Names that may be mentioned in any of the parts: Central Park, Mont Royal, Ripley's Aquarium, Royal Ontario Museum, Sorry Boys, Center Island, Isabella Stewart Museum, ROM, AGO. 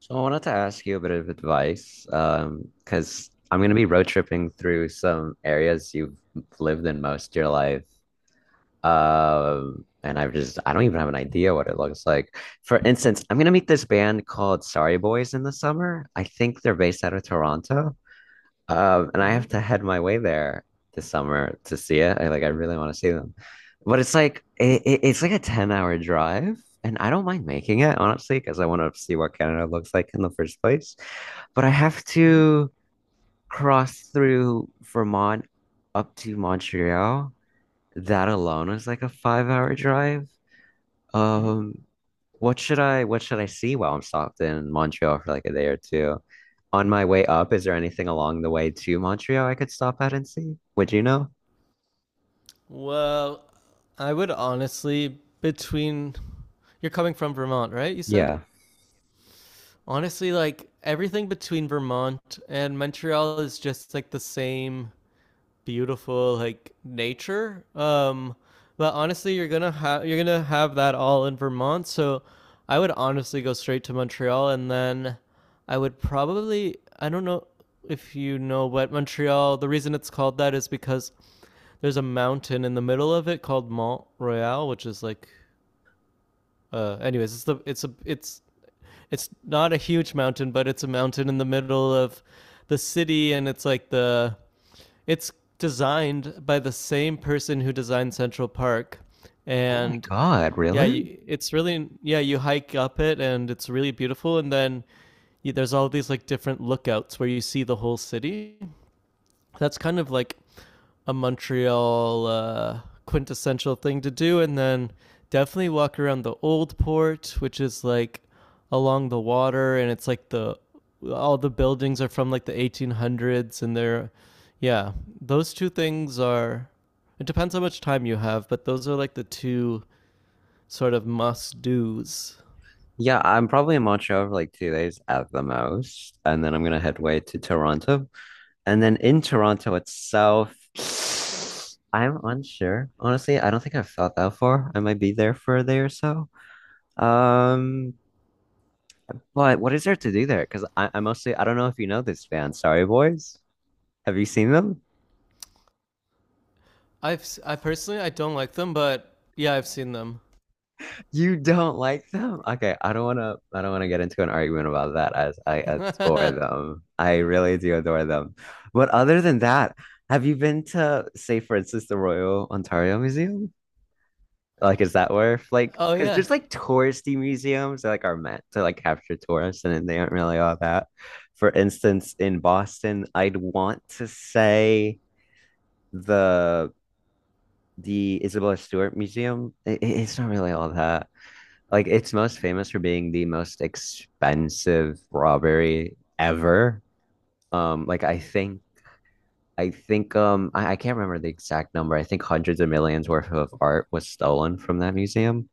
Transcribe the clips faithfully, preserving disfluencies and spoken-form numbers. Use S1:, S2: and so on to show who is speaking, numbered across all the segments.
S1: So I wanted to ask you a bit of advice, um, because I'm going to be road tripping through some areas you've lived in most of your life. Um, and I've just, I don't even have an idea what it looks like. For instance, I'm going to meet this band called Sorry Boys in the summer. I think they're based out of Toronto. Um, and I
S2: Mm-hmm.
S1: have to head my way there this summer to see it. I like I really want to see them. But it's like it, it- it's like a 10 hour drive, and I don't mind making it, honestly, because I want to see what Canada looks like in the first place. But I have
S2: Mm-hmm.
S1: to cross through Vermont up to Montreal. That alone is like a five hour drive.
S2: Mm-hmm.
S1: Um, what should I what should I see while I'm stopped in Montreal for like a day or two? On my way up, is there anything along the way to Montreal I could stop at and see? Would you know?
S2: Well, I would honestly between you're coming from Vermont, right? You said?
S1: Yeah.
S2: Honestly, like everything between Vermont and Montreal is just like the same beautiful like nature. Um but honestly, you're going to have you're going to have that all in Vermont, so I would honestly go straight to Montreal, and then I would probably, I don't know if you know, but Montreal, the reason it's called that is because there's a mountain in the middle of it called Mont Royal, which is like uh anyways, it's the it's a it's it's not a huge mountain, but it's a mountain in the middle of the city, and it's like the it's designed by the same person who designed Central Park.
S1: Oh my
S2: And
S1: God,
S2: yeah,
S1: really?
S2: you, it's really, yeah, you hike up it and it's really beautiful. And then you, there's all these like different lookouts where you see the whole city. That's kind of like a Montreal uh, quintessential thing to do. And then definitely walk around the old port, which is like along the water, and it's like the all the buildings are from like the eighteen hundreds, and they're, yeah, those two things are. It depends how much time you have, but those are like the two sort of must dos.
S1: Yeah, I'm probably in Montreal for like two days at the most, and then I'm gonna head way to Toronto. And then in Toronto itself, I'm unsure. Honestly, I don't think I've thought that far. I might be there for a day or so. Um, But what is there to do there? Because I, I mostly, I don't know if you know this band, Sorry Boys. Have you seen them?
S2: I've s- I personally I don't like them, but yeah, I've seen them.
S1: You don't like them? Okay, I don't wanna I don't wanna get into an argument about that, as I adore
S2: Oh.
S1: them. I really do adore them. But other than that, have you been to, say, for instance, the Royal Ontario Museum? Like, is that where like because
S2: Yeah.
S1: there's like touristy museums that like are meant to like capture tourists and then they aren't really all that. For instance, in Boston, I'd want to say the the Isabella Stewart Museum, i i- it's not really all that. Like, it's most famous for being the most expensive robbery ever. Um, like I think, I think, um, I, I can't remember the exact number. I think hundreds of millions worth of art was stolen from that museum.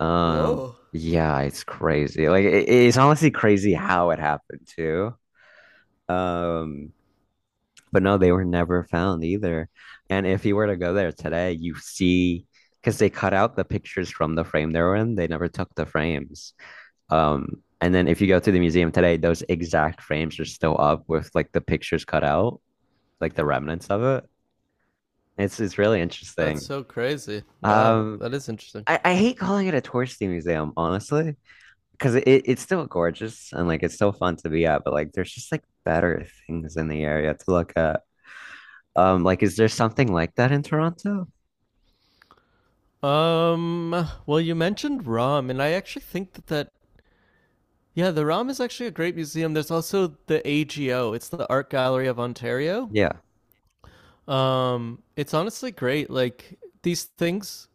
S1: Um,
S2: Whoa.
S1: yeah, it's crazy. Like, it, it's honestly crazy how it happened too. Um, But no, they were never found either. And if you were to go there today, you see, because they cut out the pictures from the frame they were in, they never took the frames. Um, and then if you go to the museum today, those exact frames are still up with like the pictures cut out, like the remnants of it. It's it's really
S2: That's
S1: interesting.
S2: so crazy. Wow,
S1: Um,
S2: that is interesting.
S1: I, I hate calling it a touristy museum, honestly, because it, it's still gorgeous and like it's still fun to be at, but like there's just like better things in the area to look at. Um, like, is there something like that in Toronto?
S2: Um, well, you mentioned ROM, and I actually think that that yeah, the ROM is actually a great museum. There's also the A G O. It's the Art Gallery of Ontario.
S1: Yeah.
S2: Um, it's honestly great. Like these things,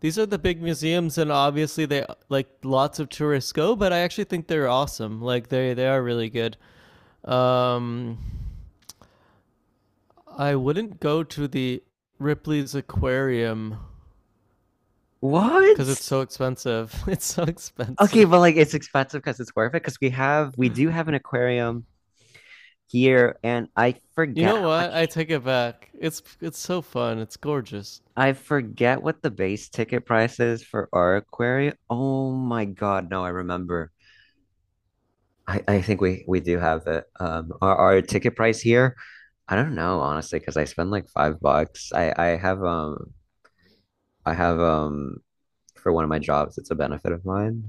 S2: these are the big museums, and obviously they like lots of tourists go. But I actually think they're awesome. Like they they are really good. Um, I wouldn't go to the Ripley's Aquarium
S1: What?
S2: because it's so expensive. It's so
S1: Okay,
S2: expensive.
S1: but like it's expensive because it's worth it, because we have we do have an aquarium here, and I
S2: You
S1: forget how
S2: know what? I
S1: much.
S2: take it back. It's it's so fun. It's gorgeous.
S1: I forget what the base ticket price is for our aquarium. Oh my God, no, I remember. I, I think we we do have it. Um our, our ticket price here, I don't know honestly, because I spend like five bucks. I I have um I have um for one of my jobs, it's a benefit of mine: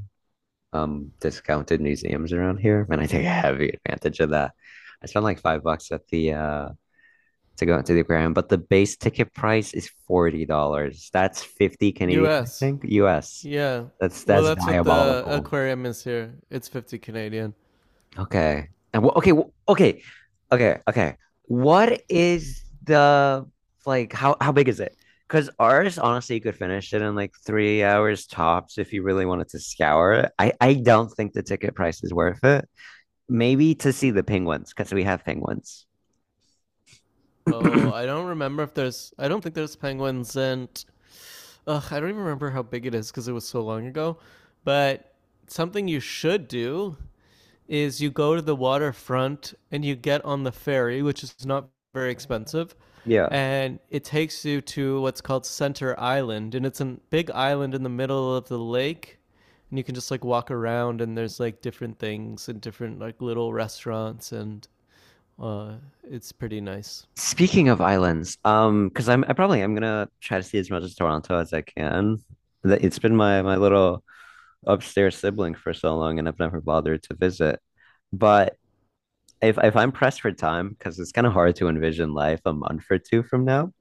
S1: um discounted museums around here, and I take heavy advantage of that. I spent like five bucks at the uh to go into the aquarium, but the base ticket price is forty dollars. That's fifty Canadian, I
S2: U S.
S1: think, U S.
S2: Yeah.
S1: That's
S2: Well,
S1: that's
S2: that's what the
S1: diabolical.
S2: aquarium is here. It's fifty Canadian.
S1: Okay, and wh- okay, wh- okay, okay, Okay. What is the like? How how big is it? Because ours, honestly, you could finish it in like three hours tops if you really wanted to scour it. I I don't think the ticket price is worth it. Maybe to see the penguins, because we have penguins.
S2: Oh, I don't remember if there's. I don't think there's penguins, and ugh, I don't even remember how big it is because it was so long ago. But something you should do is you go to the waterfront and you get on the ferry, which is not very expensive,
S1: Yeah.
S2: and it takes you to what's called Center Island, and it's a big island in the middle of the lake, and you can just like walk around, and there's like different things and different like little restaurants and uh, it's pretty nice.
S1: Speaking of islands, um, because I'm I probably am gonna try to see as much as Toronto as I can. Th- It's been my my little upstairs sibling for so long, and I've never bothered to visit. But if if I'm pressed for time, because it's kind of hard to envision life a month or two from now,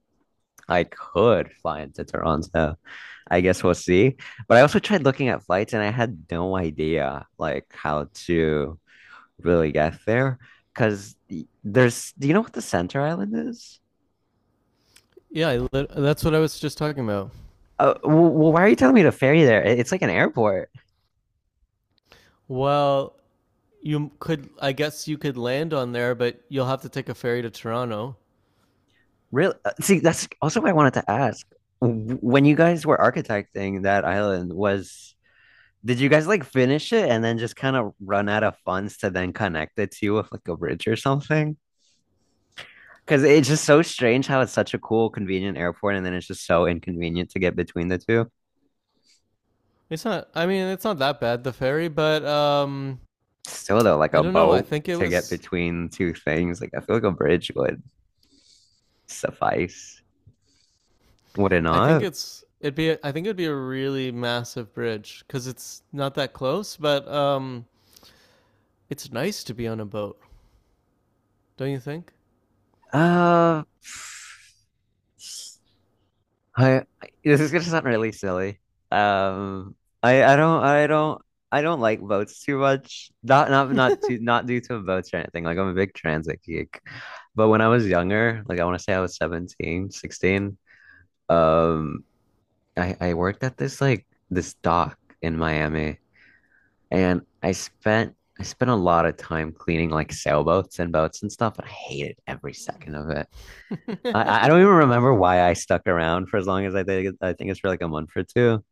S1: I could fly into Toronto. I guess we'll see. But I also tried looking at flights, and I had no idea like how to really get there because there's. Do you know what the Center Island is?
S2: Yeah, I lit- that's what I was just talking about.
S1: Uh, well, why are you telling me to ferry there? It's like an airport.
S2: Well, you could, I guess you could land on there, but you'll have to take a ferry to Toronto.
S1: Really? uh, See, that's also what I wanted to ask. When you guys were architecting that island, was did you guys like finish it and then just kind of run out of funds to then connect it to with like a bridge or something? Because it's just so strange how it's such a cool, convenient airport, and then it's just so inconvenient to get between the two.
S2: It's not. I mean, it's not that bad the ferry, but um,
S1: Still though, like
S2: I
S1: a
S2: don't know. I
S1: boat
S2: think it
S1: to get
S2: was.
S1: between two things, like I feel like a bridge would suffice, would it
S2: I think
S1: not?
S2: it's. It'd be. I think it'd be a really massive bridge because it's not that close. But um, it's nice to be on a boat, don't you think?
S1: Uh, I, I- this is gonna sound really silly. Um, I I don't I don't I don't like boats too much. Not not not too not due to boats or anything. Like, I'm a big transit geek. But when I was younger, like I want to say I was seventeen, sixteen. um, I I worked at this like this dock in Miami, and I spent I spent a lot of time cleaning like sailboats and boats and stuff, and I hated every second of it. I, I
S2: That
S1: don't even remember why I stuck around for as long as I did. I think it's for like a month or two.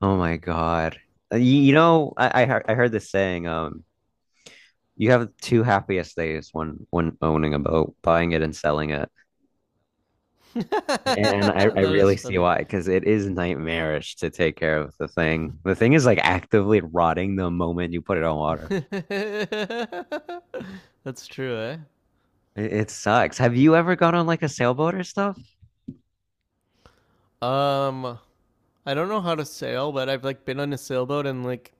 S1: Oh my God. You, you know, I, I heard I heard this saying, um, you have two happiest days when when owning a boat: buying it and selling it. And I, I
S2: is
S1: really see
S2: funny.
S1: why, because it is nightmarish to take care of the thing. The thing is like actively rotting the moment you put it on water.
S2: That's true, eh?
S1: It, it sucks. Have you ever gone on like a sailboat or stuff?
S2: Um, I don't know how to sail, but I've like been on a sailboat and like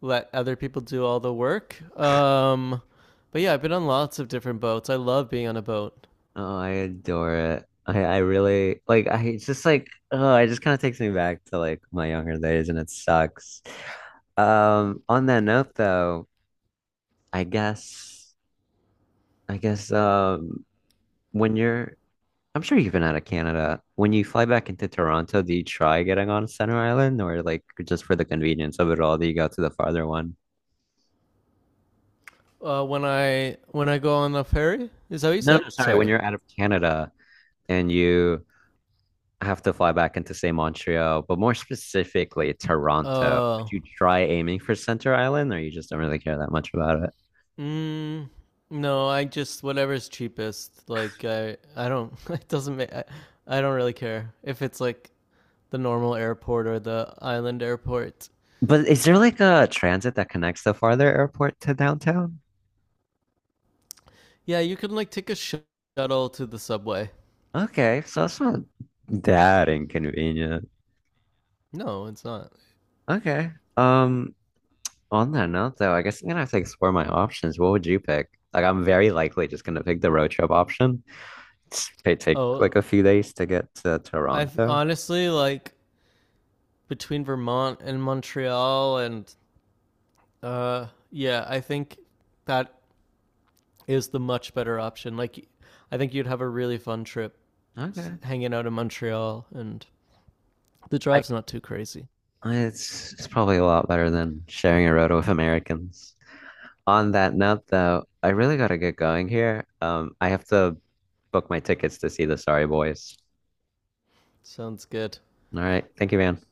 S2: let other people do all the work. Um, but yeah, I've been on lots of different boats. I love being on a boat.
S1: Oh, I adore it. I I really like I it's just like, oh, it just kind of takes me back to like my younger days, and it sucks. Um on that note though, I guess I guess um when you're I'm sure you've been out of Canada. When you fly back into Toronto, do you try getting on Center Island, or like, just for the convenience of it all, do you go to the farther one?
S2: Uh, when I when I go on a ferry, is that what you
S1: No,
S2: said?
S1: no, sorry, when
S2: Sorry.
S1: you're out of Canada, and you I have to fly back into, say, Montreal, but more specifically, Toronto.
S2: Uh,
S1: Would you try aiming for Center Island, or you just don't really care that much about it?
S2: mm, no, I just whatever's cheapest. Like I I don't it doesn't make I, I don't really care if it's like the normal airport or the island airport.
S1: But is there like a transit that connects the farther airport to downtown?
S2: Yeah, you can like take a shuttle to the subway.
S1: Okay, so that's not that inconvenient.
S2: No, it's not.
S1: Okay. Um, on that note though, I guess I'm gonna have to explore my options. What would you pick? Like, I'm very likely just gonna pick the road trip option. It's- It take
S2: Oh,
S1: like a few days to get to
S2: I've
S1: Toronto.
S2: honestly like between Vermont and Montreal, and uh, yeah, I think that is the much better option. Like, I think you'd have a really fun trip
S1: Okay.
S2: hanging out in Montreal, and the
S1: I
S2: drive's not too crazy.
S1: It's it's probably a lot better than sharing a road with Americans. On that note though, I really gotta get going here. Um, I have to book my tickets to see the Sorry Boys.
S2: Sounds good.
S1: All right, thank you, man.